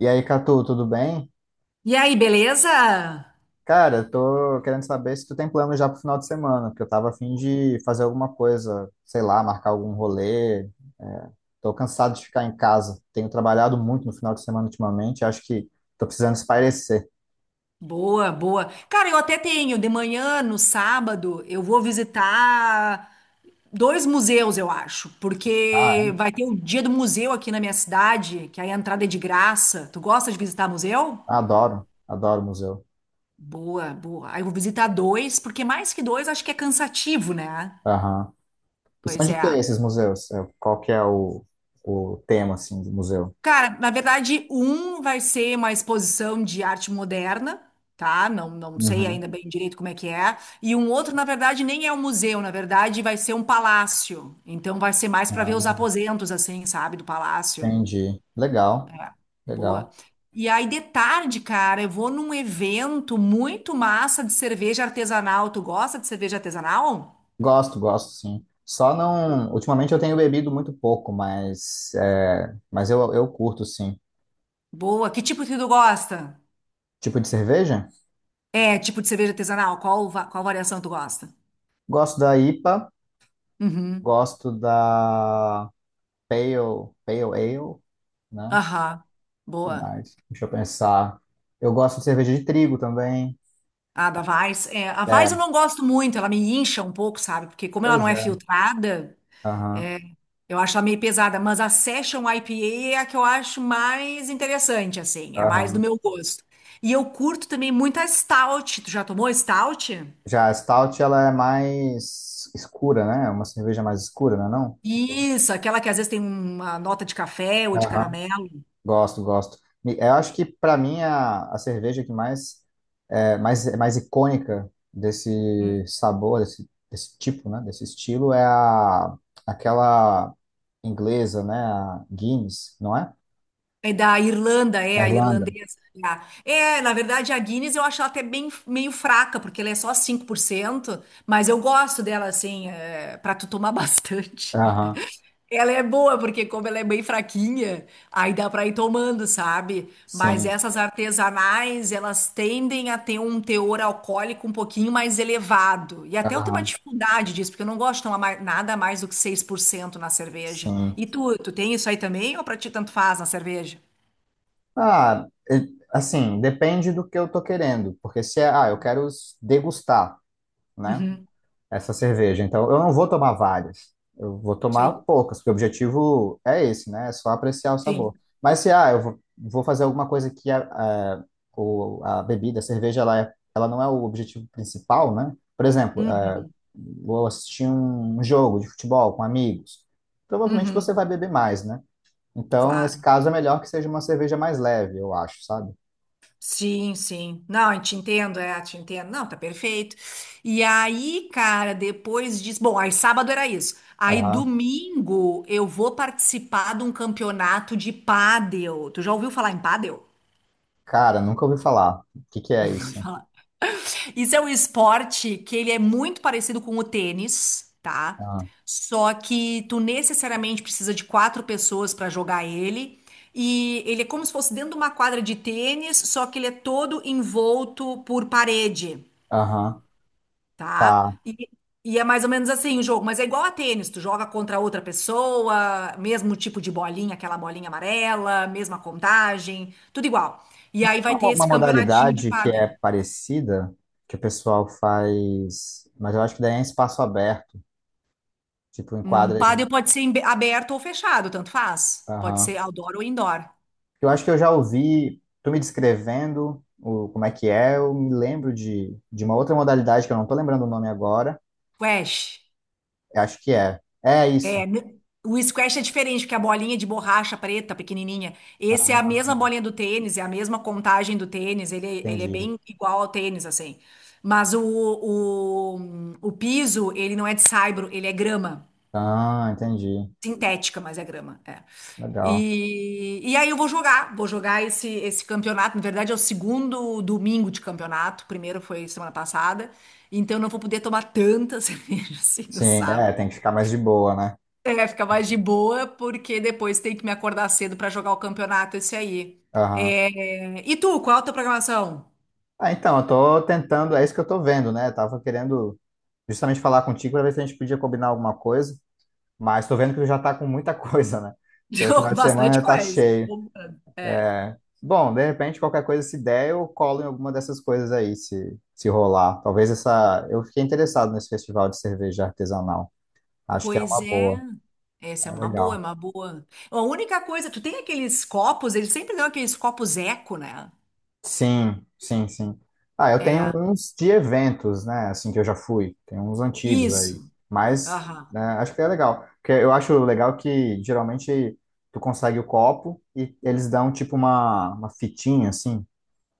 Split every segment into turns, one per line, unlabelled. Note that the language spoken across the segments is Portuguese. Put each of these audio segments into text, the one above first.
E aí, Catu, tudo bem?
E aí, beleza?
Cara, eu tô querendo saber se tu tem plano já pro final de semana, porque eu tava a fim de fazer alguma coisa, sei lá, marcar algum rolê. É, tô cansado de ficar em casa. Tenho trabalhado muito no final de semana ultimamente, acho que tô precisando espairecer.
Boa, boa. Cara, eu até tenho. De manhã, no sábado, eu vou visitar dois museus, eu acho,
Ah,
porque
é?
vai ter o dia do museu aqui na minha cidade, que aí a entrada é de graça. Tu gosta de visitar museu?
Adoro, adoro museu.
Boa, boa. Aí eu vou visitar dois, porque mais que dois, acho que é cansativo, né?
Aham. E são
Pois
de
é.
que esses museus? É, qual que é o tema, assim, do museu?
Cara, na verdade, um vai ser uma exposição de arte moderna, tá? Não, não sei
Uhum.
ainda bem direito como é que é. E um outro, na verdade, nem é um museu, na verdade, vai ser um palácio. Então, vai ser mais para ver os
Ah,
aposentos, assim, sabe, do palácio.
entendi. Legal,
Boa.
legal.
E aí, de tarde, cara, eu vou num evento muito massa de cerveja artesanal. Tu gosta de cerveja artesanal?
Gosto, gosto, sim. Só não. Ultimamente eu tenho bebido muito pouco, mas eu curto, sim.
Boa. Que tipo que tu gosta?
Tipo de cerveja?
É, tipo de cerveja artesanal? Qual variação tu gosta?
Gosto da IPA,
Uhum.
gosto da Pale Ale, né? O
Aham,
que
boa.
mais? Deixa eu pensar. Eu gosto de cerveja de trigo também.
Ah, da Vars. É, a Vars
É,
eu não gosto muito, ela me incha um pouco, sabe? Porque como ela não
pois
é
é.
filtrada,
Aham,
eu acho ela meio pesada, mas a Session IPA é a que eu acho mais interessante, assim, é mais do
aham.
meu gosto. E eu curto também muito a Stout. Tu já tomou Stout?
Já a Stout, ela é mais escura, né? É uma cerveja mais escura, não é não?
Isso, aquela que às vezes tem uma nota de café ou de
Aham.
caramelo.
Gosto, gosto. E eu acho que para mim a, cerveja que mais é mais icônica desse sabor, desse tipo, né, desse estilo é a aquela inglesa, né, a Guinness, não é?
É da Irlanda, é
Na
a
Irlanda.
irlandesa. É, na verdade, a Guinness eu acho ela até bem, meio fraca, porque ela é só 5% mas eu gosto dela, assim, é, para tu tomar bastante.
Aham.
Ela é boa, porque como ela é bem fraquinha, aí dá para ir tomando, sabe? Mas
Sim.
essas artesanais, elas tendem a ter um teor alcoólico um pouquinho mais elevado. E até eu tenho uma
Aham.
dificuldade disso, porque eu não gosto de tomar nada mais do que 6% na cerveja.
Sim.
E tu tem isso aí também, ou pra ti tanto faz na cerveja?
Ah, assim, depende do que eu tô querendo, porque se é, eu quero degustar, né?
Uhum.
Essa cerveja. Então, eu não vou tomar várias, eu vou tomar
Sim,
poucas, porque o objetivo é esse, né? É só apreciar o
sim.
sabor. Mas se eu vou fazer alguma coisa que a, a bebida, a cerveja, ela não é o objetivo principal, né? Por exemplo,
Uhum,
vou assistir um jogo de futebol com amigos. Provavelmente você
uhum.
vai beber mais, né? Então, nesse
Claro.
caso, é melhor que seja uma cerveja mais leve, eu acho, sabe?
Sim, sim. Não, eu te entendo, é, te entendo. Não, tá perfeito. E aí, cara, depois diz, bom, aí sábado era isso. Aí
Aham.
domingo eu vou participar de um campeonato de pádel. Tu já ouviu falar em pádel?
Cara, nunca ouvi falar. O que que é isso?
Isso é um esporte que ele é muito parecido com o tênis, tá?
Aham.
Só que tu necessariamente precisa de quatro pessoas para jogar ele. E ele é como se fosse dentro de uma quadra de tênis, só que ele é todo envolto por parede,
Aham.
tá?
Tá.
E é mais ou menos assim o jogo, mas é igual a tênis, tu joga contra outra pessoa, mesmo tipo de bolinha, aquela bolinha amarela, mesma contagem, tudo igual. E aí vai
Uma,
ter
mo- uma
esse campeonatinho de
modalidade que
pádel.
é parecida, que o pessoal faz, mas eu acho que daí é em espaço aberto, tipo em
Um
quadra de.
paddle pode ser aberto ou fechado, tanto faz. Pode ser
Aham.
outdoor ou indoor.
Eu acho que eu já ouvi, tu me descrevendo o, como é que é, eu me lembro de uma outra modalidade que eu não tô lembrando o nome agora.
Squash.
Eu acho que é. É isso.
É, o squash é diferente, porque a bolinha de borracha preta, pequenininha, esse é a
Ah,
mesma bolinha do tênis, é a mesma contagem do tênis, ele é
entendi.
bem igual ao tênis, assim. Mas o piso, ele não é de saibro, ele é grama.
Ah, entendi.
Sintética, mas é grama. É.
Legal.
E aí eu vou jogar esse campeonato. Na verdade, é o segundo domingo de campeonato, o primeiro foi semana passada, então eu não vou poder tomar tanta cerveja assim no
Sim, é,
sábado.
tem que ficar mais de boa, né?
É, fica mais de boa, porque depois tem que me acordar cedo pra jogar o campeonato esse aí. É. E tu, qual é a tua programação?
Ah, então, eu tô tentando, é isso que eu tô vendo, né? Eu tava querendo justamente falar contigo para ver se a gente podia combinar alguma coisa, mas tô vendo que tu já tá com muita coisa, né? Teu
Jogo
final de
bastante
semana tá
coisa.
cheio.
Bombando.
Bom, de repente, qualquer coisa, se der, eu colo em alguma dessas coisas aí, se rolar. Talvez essa. Eu fiquei interessado nesse festival de cerveja artesanal. Acho que é
Pois
uma
é.
boa,
Essa é
é
uma boa, é
legal.
uma boa. A única coisa, tu tem aqueles copos, eles sempre dão aqueles copos eco, né?
Sim, sim, sim. Ah, eu tenho
É.
uns de eventos, né, assim, que eu já fui. Tem uns antigos aí.
Isso.
Mas,
Aham.
né, acho que é legal. Porque eu acho legal que, geralmente, tu consegue o copo e eles dão, tipo, uma fitinha, assim,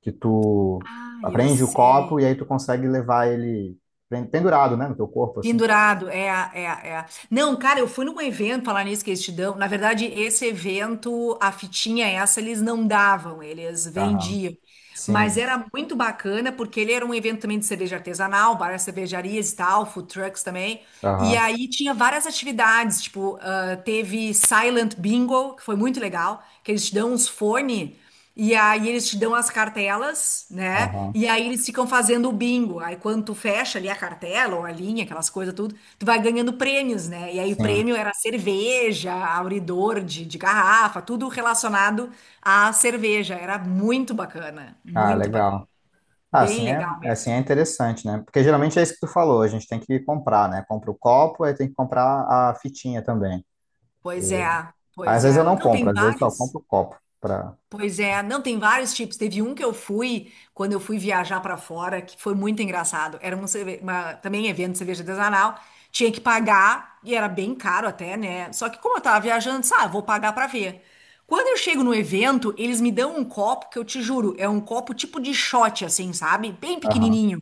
que tu
Ah, eu
aprende o copo
sei.
e aí tu consegue levar ele pendurado, né, no teu corpo, assim.
Pendurado. Não, cara, eu fui num evento, falar nisso que eles te dão. Na verdade, esse evento, a fitinha essa, eles não davam, eles
Aham.
vendiam. Mas
Sim.
era muito bacana, porque ele era um evento também de cerveja artesanal, várias cervejarias e tal, food trucks também. E
Aham.
aí tinha várias atividades, tipo, ah, teve Silent Bingo, que foi muito legal, que eles te dão uns fones, e aí eles te dão as cartelas, né?
Aham.
E aí eles ficam fazendo o bingo. Aí quando tu fecha ali a cartela ou a linha, aquelas coisas tudo, tu vai ganhando prêmios, né? E aí o
Sim.
prêmio era cerveja, abridor de garrafa, tudo relacionado à cerveja. Era muito bacana,
Ah,
muito bacana.
legal. Ah,
Bem
assim é,
legal
assim
mesmo.
é interessante, né? Porque geralmente é isso que tu falou, a gente tem que comprar, né? Compra o copo, aí tem que comprar a fitinha também.
Pois é,
E,
pois
às vezes eu
é.
não
Não,
compro,
tem
às vezes só
vários.
compro o copo pra.
Pois é, não, tem vários tipos. Teve um que eu fui quando eu fui viajar pra fora, que foi muito engraçado. Era um, cerve- uma, também evento de cerveja artesanal, tinha que pagar, e era bem caro até, né? Só que como eu tava viajando, disse, ah, vou pagar pra ver. Quando eu chego no evento, eles me dão um copo que eu te juro, é um copo tipo de shot, assim, sabe? Bem
Aham.
pequenininho.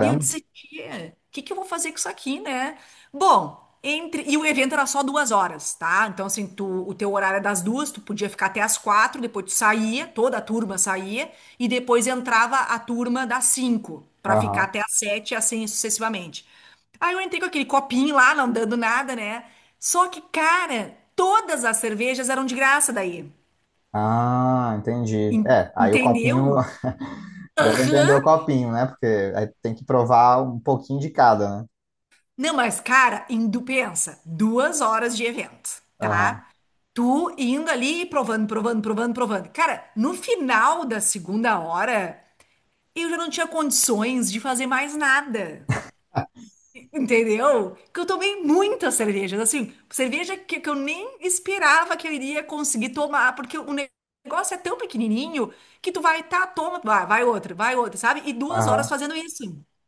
E eu disse, tia, o que que eu vou fazer com isso aqui, né? Bom, e o evento era só 2 horas, tá? Então, assim, o teu horário é das duas, tu podia ficar até as quatro, depois tu saía, toda a turma saía, e depois entrava a turma das cinco, pra ficar
Aham.
até as sete, assim sucessivamente. Aí eu entrei com aquele copinho lá, não dando nada, né? Só que, cara, todas as cervejas eram de graça daí.
Ah, entendi. É, aí o copinho.
Entendeu?
Deu pra entender o copinho, né? Porque aí tem que provar um pouquinho de cada, né?
Não, mas, cara, indo, pensa, 2 horas de evento,
Aham,
tá? Tu indo ali e provando, provando, provando, provando. Cara, no final da segunda hora, eu já não tinha condições de fazer mais nada, entendeu? Que eu tomei muitas cervejas, assim, cerveja que eu nem esperava que eu iria conseguir tomar, porque o negócio é tão pequenininho que tu vai, tá, toma, vai, vai outra, sabe? E 2 horas
aham.
fazendo isso.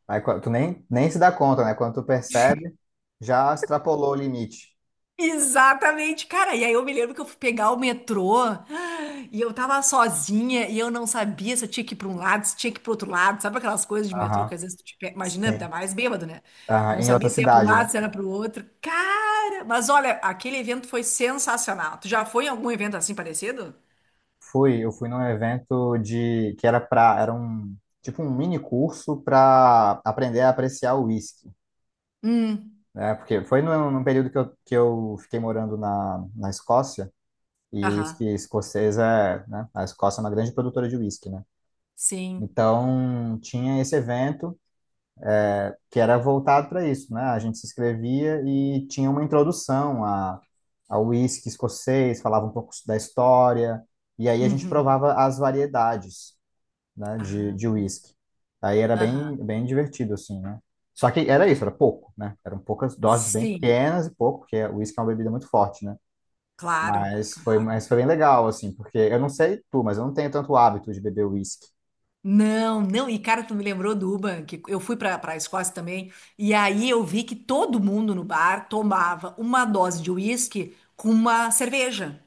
Aí tu nem se dá conta, né? Quando tu percebe, já extrapolou o limite.
Exatamente, cara. E aí eu me lembro que eu fui pegar o metrô e eu tava sozinha e eu não sabia se eu tinha que ir pra um lado, se tinha que ir pro outro lado. Sabe aquelas coisas de metrô que
Aham,
às vezes tu te pega, imagina, ainda
sim.
mais bêbado, né?
Aham.
Não
Em outra
sabia se ia pra um
cidade, né?
lado, se era pro outro. Cara, mas olha, aquele evento foi sensacional. Tu já foi em algum evento assim parecido?
Fui. Eu fui num evento de que era um tipo, um mini curso para aprender a apreciar o whisky,
Hum,
né? Porque foi num período que eu fiquei morando na Escócia e o
aham,
whisky escocês é, né? A Escócia é uma grande produtora de whisky, né?
sim.
Então tinha esse evento que era voltado para isso, né? A gente se inscrevia e tinha uma introdução a ao whisky escocês, falava um pouco da história e aí a gente
Uhum.
provava as variedades, né, de,
Ah,
de uísque. Aí era bem,
aham.
bem divertido, assim, né? Só que era isso, era
Ah,
pouco, né? Eram poucas doses bem
sim,
pequenas e pouco, porque o uísque é uma bebida muito forte, né?
claro,
Mas foi,
claro.
mas foi bem legal, assim, porque eu não sei tu, mas eu não tenho tanto hábito de beber uísque.
Não, não, e cara, tu me lembrou do Uban, que eu fui pra para a Escócia também, e aí eu vi que todo mundo no bar tomava uma dose de uísque com uma cerveja,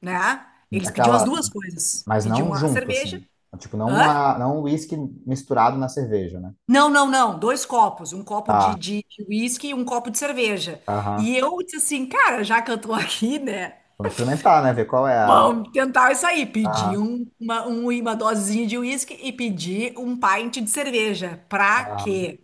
né? Eles pediam as
Aquela,
duas coisas.
mas não
Pediam a
junto,
cerveja.
assim. Tipo, não,
Hã?
a, não uísque misturado na cerveja, né?
Não, não, não, dois copos, um copo de,
Tá,
de, de uísque e um copo de cerveja.
aham.
E eu disse assim, cara, já que eu tô aqui, né?
Vamos experimentar, né? Ver qual é a.
Vamos tentar isso aí. Pedi
Aham,
uma dosezinha de uísque e pedi um pint de cerveja. Pra
aham.
quê?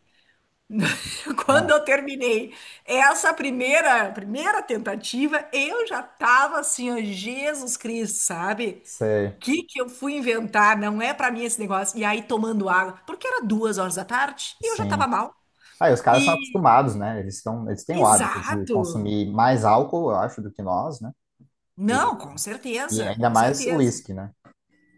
Quando
Não,
eu terminei essa primeira tentativa, eu já tava assim, ó, Jesus Cristo, sabe?
sei,
O que que eu fui inventar? Não é pra mim esse negócio. E aí tomando água, porque era 2 horas da tarde e eu já
sim.
tava mal.
Ah, e os caras são
E
acostumados, né? Eles têm o hábito de
exato.
consumir mais álcool, eu acho, do que nós, né? E,
Não, com
e
certeza,
ainda
com
mais
certeza.
uísque, né?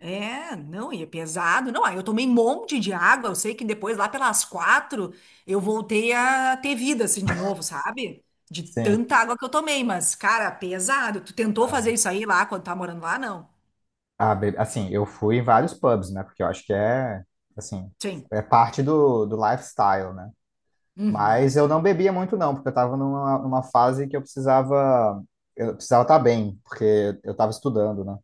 É, não, e é pesado. Não, aí eu tomei um monte de água. Eu sei que depois, lá pelas quatro, eu voltei a ter vida, assim, de novo, sabe? De
Sim.
tanta água que eu tomei. Mas, cara, pesado. Tu tentou fazer isso aí lá quando tá morando lá? Não.
Ah, assim, eu fui em vários pubs, né? Porque eu acho que é, assim,
Sim.
é parte do lifestyle, né?
Uhum.
Mas eu não bebia muito, não, porque eu estava numa fase que eu precisava estar bem, porque eu estava estudando, né?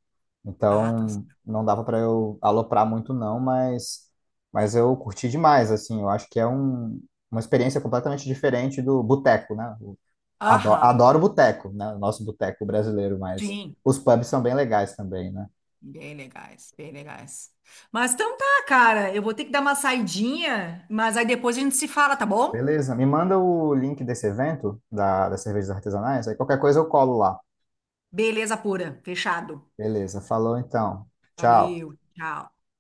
Ah, tá,
Então
certo.
não dava para eu aloprar muito, não, mas eu curti demais, assim. Eu acho que é uma experiência completamente diferente do boteco, né? Eu adoro,
Aham.
adoro boteco, né? O nosso boteco brasileiro, mas
Sim.
os pubs são bem legais também, né?
Bem legais, bem legais. Mas então tá, cara. Eu vou ter que dar uma saidinha, mas aí depois a gente se fala, tá bom?
Beleza, me manda o link desse evento das cervejas artesanais, aí qualquer coisa eu colo lá.
Beleza pura. Fechado.
Beleza, falou então. Tchau.
Valeu. Tchau.